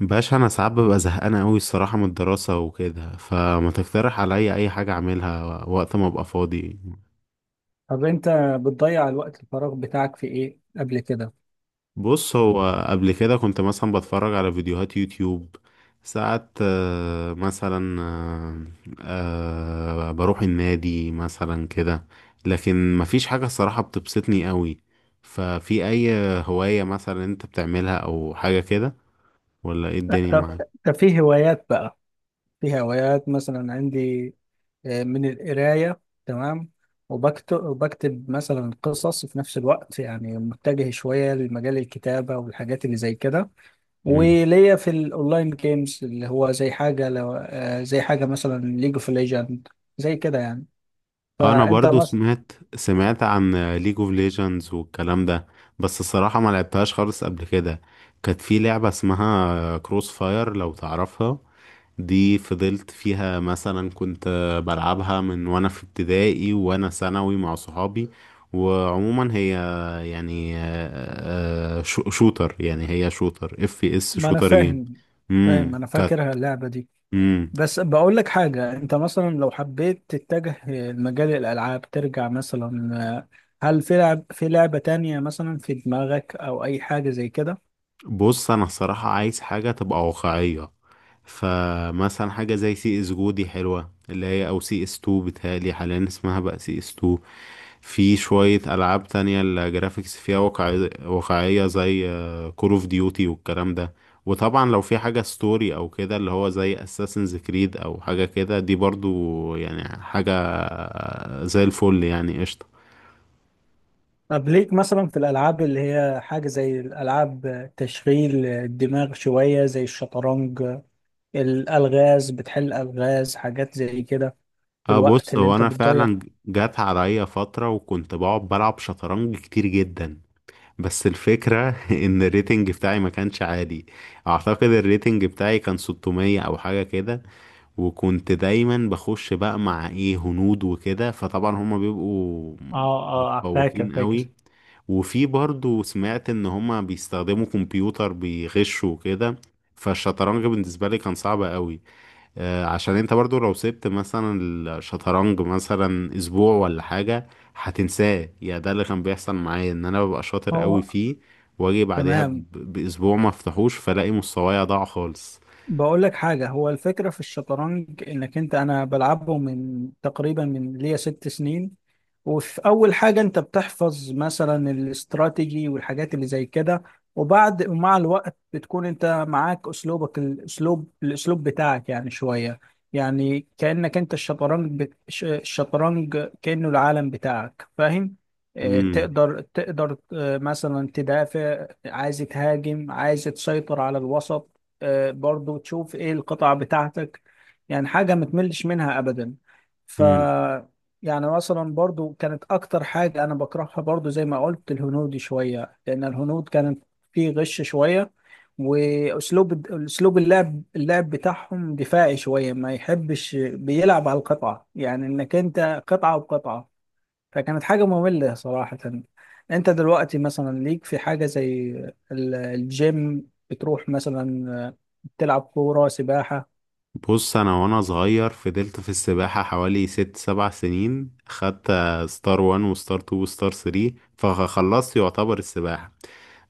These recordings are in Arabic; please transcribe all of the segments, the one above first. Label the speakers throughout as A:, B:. A: باشا، انا ساعات ببقى زهقان قوي الصراحه من الدراسه وكده، فما تقترح عليا اي حاجه اعملها وقت ما ابقى فاضي؟
B: طب انت بتضيع الوقت الفراغ بتاعك في ايه قبل كده؟
A: بص، هو قبل كده كنت مثلا بتفرج على فيديوهات يوتيوب ساعات، آه، مثلا آه، آه، بروح النادي مثلا كده. لكن مفيش حاجه الصراحه بتبسطني قوي. ففي اي هوايه مثلا انت بتعملها او حاجه كده؟ ولا ايه الدنيا
B: طب
A: معاك؟
B: في هوايات بقى. في هوايات مثلا عندي، من القراية، تمام. وبكتب مثلا قصص في نفس الوقت، يعني متجه شوية لمجال الكتابة والحاجات اللي زي كده.
A: مم.
B: وليا في الاونلاين جيمز اللي هو زي حاجة، لو زي حاجة مثلا ليج اوف ليجند، زي كده يعني.
A: انا
B: فانت
A: برضو
B: مثلا،
A: سمعت عن ليج اوف ليجندز والكلام ده، بس الصراحة ما لعبتهاش خالص قبل كده. كانت في لعبة اسمها كروس فاير لو تعرفها، دي فضلت فيها مثلا، كنت بلعبها من وانا في ابتدائي وانا ثانوي مع صحابي. وعموما هي يعني شوتر، يعني هي شوتر، اف اس
B: ما انا
A: شوتر جيم.
B: فاهم،
A: امم
B: انا فاكرها اللعبة دي.
A: كانت
B: بس بقول لك حاجة، انت مثلا لو حبيت تتجه لمجال الالعاب ترجع مثلا، آه، هل في لعبة تانية مثلا في دماغك او اي حاجة زي كده؟
A: بص، انا الصراحة عايز حاجة تبقى واقعية. فمثلا حاجة زي سي اس جو دي حلوة، اللي هي او سي اس 2، بتهيألي حاليا اسمها بقى سي اس 2. في شوية ألعاب تانية الجرافيكس فيها واقعية واقعية زي كول اوف ديوتي والكلام ده. وطبعا لو في حاجة ستوري أو كده، اللي هو زي اساسنز كريد أو حاجة كده، دي برضو يعني حاجة زي الفل، يعني قشطة.
B: طب ليك مثلا في الالعاب اللي هي حاجة زي الالعاب تشغيل الدماغ شوية، زي الشطرنج، الالغاز، بتحل الغاز، حاجات زي كده، في
A: اه،
B: الوقت
A: بص،
B: اللي
A: هو
B: انت
A: انا
B: بتضيعه.
A: فعلا جات عليا فترة وكنت بقعد بلعب شطرنج كتير جدا، بس الفكرة ان الريتنج بتاعي ما كانش عالي. اعتقد الريتنج بتاعي كان 600 او حاجة كده، وكنت دايما بخش بقى مع ايه هنود وكده، فطبعا هما بيبقوا
B: اه، اه فاكر،
A: متفوقين قوي. وفي برضو سمعت ان هما بيستخدموا كمبيوتر بيغشوا وكده. فالشطرنج بالنسبة لي كان صعب قوي، عشان انت برضو لو سبت مثلا الشطرنج مثلا اسبوع ولا حاجة هتنساه. يا ده اللي كان بيحصل معايا، ان انا ببقى شاطر قوي
B: هو.
A: فيه، واجي بعدها
B: تمام،
A: باسبوع ما افتحوش فلاقي مستواي ضاع خالص.
B: بقول لك حاجة، هو الفكرة في الشطرنج انك انت، انا بلعبه من تقريبا من ليا 6 سنين. وفي اول حاجة انت بتحفظ مثلا الاستراتيجي والحاجات اللي زي كده. ومع الوقت بتكون انت معاك اسلوبك، الاسلوب بتاعك يعني شوية. يعني كأنك انت الشطرنج الشطرنج كأنه العالم بتاعك، فاهم؟ تقدر، مثلا تدافع، عايز تهاجم، عايز تسيطر على الوسط. برضو تشوف ايه القطع بتاعتك. يعني حاجة ما تملش منها ابدا. ف
A: امم
B: يعني مثلا برضو كانت اكتر حاجة انا بكرهها، برضو زي ما قلت، الهنود شوية، لان الهنود كانت فيه غش شوية. واسلوب اللعب بتاعهم دفاعي شوية، ما يحبش، بيلعب على القطعة، يعني انك انت قطعة وقطعة. فكانت حاجة مملة صراحة. انت دلوقتي مثلا ليك في حاجة زي الجيم، بتروح مثلا تلعب كورة، سباحة.
A: بص، انا وانا صغير فضلت في السباحة حوالي ست سبع سنين، خدت ستار وان وستار تو وستار ثري، فخلصت يعتبر السباحة.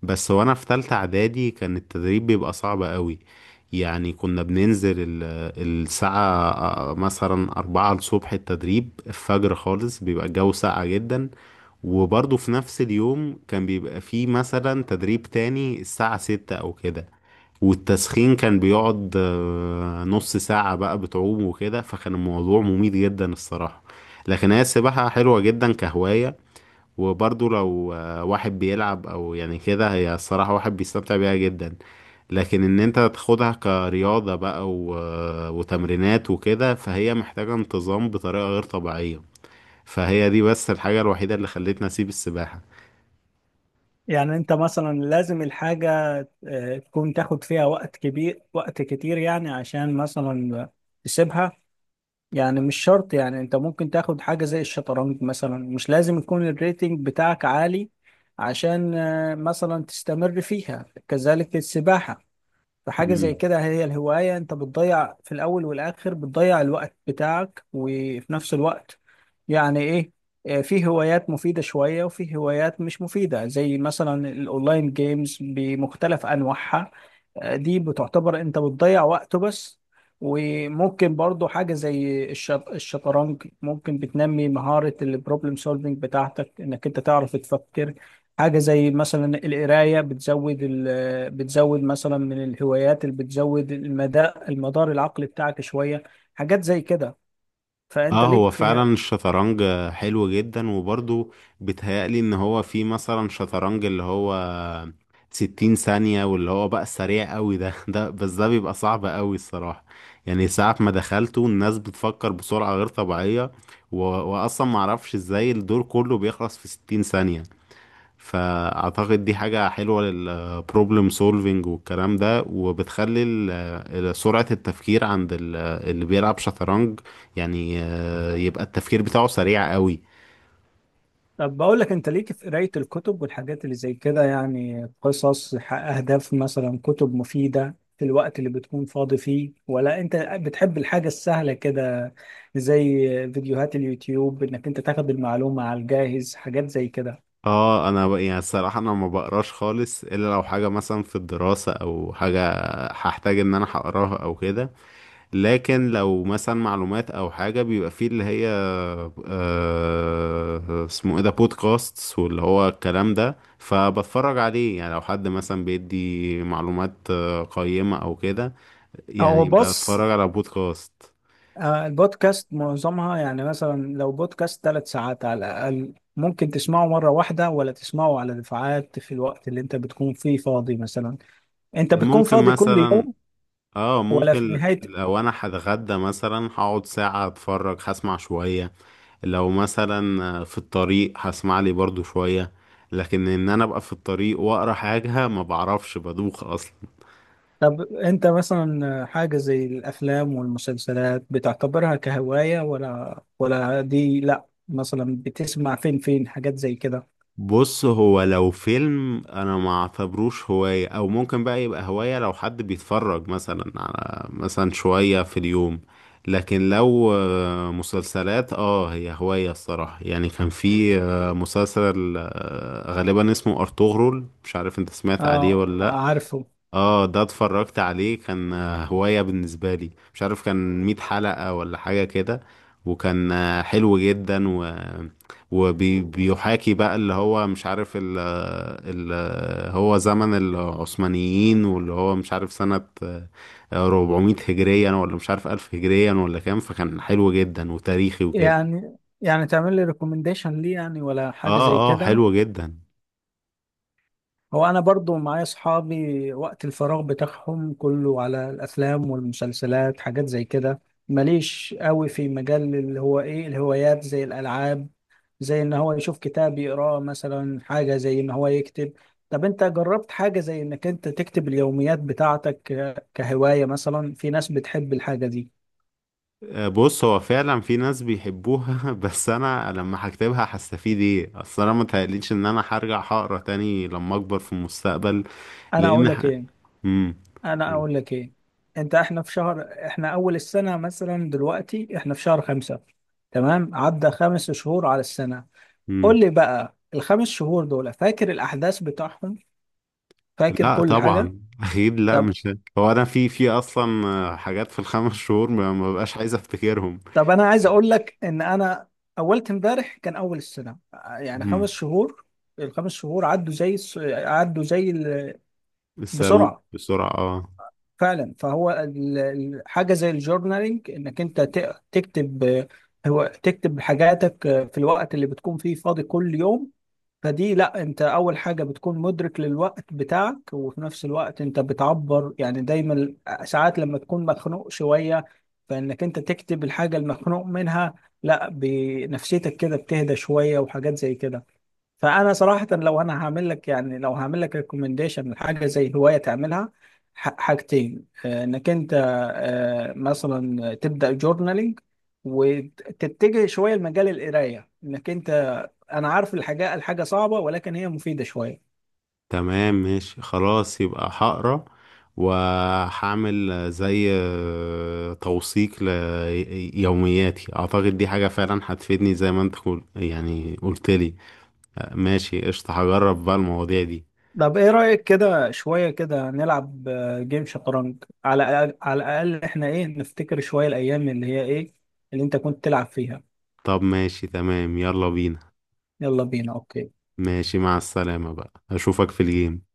A: بس وانا في تالتة اعدادي كان التدريب بيبقى صعب قوي. يعني كنا بننزل الساعة مثلا أربعة الصبح، التدريب الفجر خالص، بيبقى الجو ساقع جدا. وبرضه في نفس اليوم كان بيبقى فيه مثلا تدريب تاني الساعة ستة أو كده، والتسخين كان بيقعد نص ساعة بقى بتعوم وكده، فكان الموضوع مميت جدا الصراحة. لكن هي السباحة حلوة جدا كهواية، وبرضو لو واحد بيلعب أو يعني كده، هي الصراحة واحد بيستمتع بيها جدا. لكن إن أنت تاخدها كرياضة بقى و... آه، وتمرينات وكده، فهي محتاجة انتظام بطريقة غير طبيعية. فهي دي بس الحاجة الوحيدة اللي خلتني أسيب السباحة.
B: يعني انت مثلا لازم الحاجة تكون تاخد فيها وقت كبير، وقت كتير يعني، عشان مثلا تسيبها. يعني مش شرط، يعني انت ممكن تاخد حاجة زي الشطرنج مثلا مش لازم يكون الريتنج بتاعك عالي عشان مثلا تستمر فيها، كذلك السباحة. فحاجة زي
A: مم.
B: كده، هي الهواية انت بتضيع في الاول والاخر، بتضيع الوقت بتاعك، وفي نفس الوقت يعني ايه، في هوايات مفيدة شوية وفي هوايات مش مفيدة، زي مثلا الاونلاين جيمز بمختلف انواعها. دي بتعتبر انت بتضيع وقته بس. وممكن برضو حاجة زي الشطرنج ممكن بتنمي مهارة البروبلم سولفينج بتاعتك، انك انت تعرف تفكر. حاجة زي مثلا القراية، بتزود، مثلا، من الهوايات اللي بتزود المدار العقلي بتاعك شوية، حاجات زي كده. فأنت
A: اه، هو
B: ليك
A: فعلا
B: في،
A: الشطرنج حلو جدا. وبرضه بيتهيألي ان هو في مثلا شطرنج اللي هو ستين ثانية، واللي هو بقى سريع قوي ده ده، بس ده بيبقى صعب قوي الصراحة. يعني ساعة ما دخلته الناس بتفكر بسرعة غير طبيعية، واصلا معرفش ازاي الدور كله بيخلص في ستين ثانية. فاعتقد دي حاجة حلوة للبروبلم سولفينج والكلام ده، وبتخلي سرعة التفكير عند اللي بيلعب شطرنج، يعني يبقى التفكير بتاعه سريع قوي.
B: طب بقول لك، أنت ليك في قراية الكتب والحاجات اللي زي كده، يعني قصص، أهداف، مثلا كتب مفيدة في الوقت اللي بتكون فاضي فيه، ولا أنت بتحب الحاجة السهلة كده، زي فيديوهات اليوتيوب، إنك أنت تاخد المعلومة على الجاهز، حاجات زي كده.
A: اه، انا يعني الصراحة انا ما بقراش خالص الا لو حاجة مثلا في الدراسة او حاجة هحتاج ان انا هقراها او كده. لكن لو مثلا معلومات او حاجه، بيبقى فيه اللي هي اسمه ايه ده، بودكاست، واللي هو الكلام ده، فبتفرج عليه. يعني لو حد مثلا بيدي معلومات قيمه او كده،
B: هو
A: يعني
B: بص،
A: بتفرج على بودكاست.
B: البودكاست معظمها يعني مثلا لو بودكاست 3 ساعات على الأقل، ممكن تسمعه مرة واحدة ولا تسمعه على دفعات في الوقت اللي انت بتكون فيه فاضي مثلا. انت بتكون
A: ممكن
B: فاضي كل
A: مثلا،
B: يوم
A: اه
B: ولا في
A: ممكن
B: نهاية؟
A: لو انا هتغدى مثلا هقعد ساعه اتفرج، هسمع شويه. لو مثلا في الطريق هسمع لي برضو شويه، لكن ان انا ابقى في الطريق واقرا حاجه ما بعرفش، بدوخ اصلا.
B: طب انت مثلا حاجة زي الأفلام والمسلسلات بتعتبرها كهواية ولا؟ دي لا، مثلا بتسمع فين، حاجات زي كده؟
A: بص، هو لو فيلم انا ما اعتبروش هواية، او ممكن بقى يبقى هواية لو حد بيتفرج مثلا على مثلا شوية في اليوم. لكن لو مسلسلات، اه، هي هواية الصراحة. يعني كان في مسلسل غالبا اسمه ارطغرل، مش عارف انت سمعت عليه
B: اه
A: ولا لأ.
B: عارفه.
A: اه، ده اتفرجت عليه، كان هواية بالنسبة لي. مش عارف كان مية حلقة ولا حاجة كده، وكان حلو جدا، وبيحاكي بقى اللي هو مش عارف ال ال هو زمن العثمانيين، واللي هو مش عارف سنة 400 هجريا، ولا مش عارف 1000 هجريا ولا كام، فكان حلو جدا وتاريخي وكده.
B: يعني، تعمل لي ريكومنديشن ليه يعني، ولا حاجة
A: اه،
B: زي
A: اه،
B: كده؟
A: حلو جدا.
B: هو انا برضو معايا اصحابي وقت الفراغ بتاعهم كله على الافلام والمسلسلات، حاجات زي كده. ماليش قوي في مجال اللي هو ايه الهوايات زي الالعاب، زي ان هو يشوف كتاب يقراه مثلا، حاجة زي ان هو يكتب. طب انت جربت حاجة زي انك انت تكتب اليوميات بتاعتك كهواية؟ مثلا في ناس بتحب الحاجة دي.
A: بص، هو فعلا في ناس بيحبوها بس انا لما هكتبها هستفيد ايه؟ اصل انا متهيأليش ان انا هرجع هقرا تاني لما اكبر في المستقبل.
B: انا
A: لان
B: اقول لك ايه،
A: مم.
B: انا
A: قول.
B: اقول لك ايه انت، احنا في شهر، احنا اول السنه مثلا، دلوقتي احنا في شهر خمسة، تمام؟ عدى 5 شهور على السنه.
A: مم.
B: قول لي بقى ال 5 شهور دول، فاكر الاحداث بتاعهم؟ فاكر
A: لا
B: كل حاجه؟
A: طبعا اكيد لا،
B: طب،
A: مش هو انا في اصلا حاجات في الخمس شهور ما ببقاش عايز افتكرهم.
B: انا عايز اقول لك ان انا اولت امبارح كان اول السنه، يعني
A: مم.
B: 5 شهور، الخمس شهور عدوا زي عدوا زي
A: الصاروخ
B: بسرعه،
A: بسرعة، اه.
B: فعلا. فهو حاجه زي الجورنالينج، انك انت تكتب، آه، هو تكتب حاجاتك في الوقت اللي بتكون فيه فاضي كل يوم. فدي لا، انت اول حاجه بتكون مدرك للوقت بتاعك، وفي نفس الوقت انت بتعبر يعني دايما. ساعات لما تكون مخنوق شويه، فانك انت تكتب الحاجه المخنوق منها، لا، بنفسيتك كده بتهدى شويه، وحاجات زي كده. فانا صراحه لو انا هعمل لك، يعني لو هعمل لك ريكومنديشن لحاجه زي هوايه تعملها، حاجتين، انك انت مثلا تبدا جورنالينج، وتتجه شويه لمجال القرايه، انك انت، انا عارف الحاجه، صعبه، ولكن هي مفيده شويه.
A: تمام، ماشي، خلاص، يبقى هقرا، وهعمل زي توثيق ليومياتي، اعتقد دي حاجة فعلا هتفيدني زي ما انت يعني قلت لي. ماشي، قشطة، هجرب بقى المواضيع دي.
B: طب ايه رايك كده شويه كده نلعب جيم شطرنج، على الاقل احنا ايه، نفتكر شويه الايام اللي هي ايه اللي انت كنت تلعب فيها.
A: طب ماشي، تمام، يلا بينا.
B: يلا بينا، اوكي.
A: ماشي، مع السلامة بقى، اشوفك في الجيم.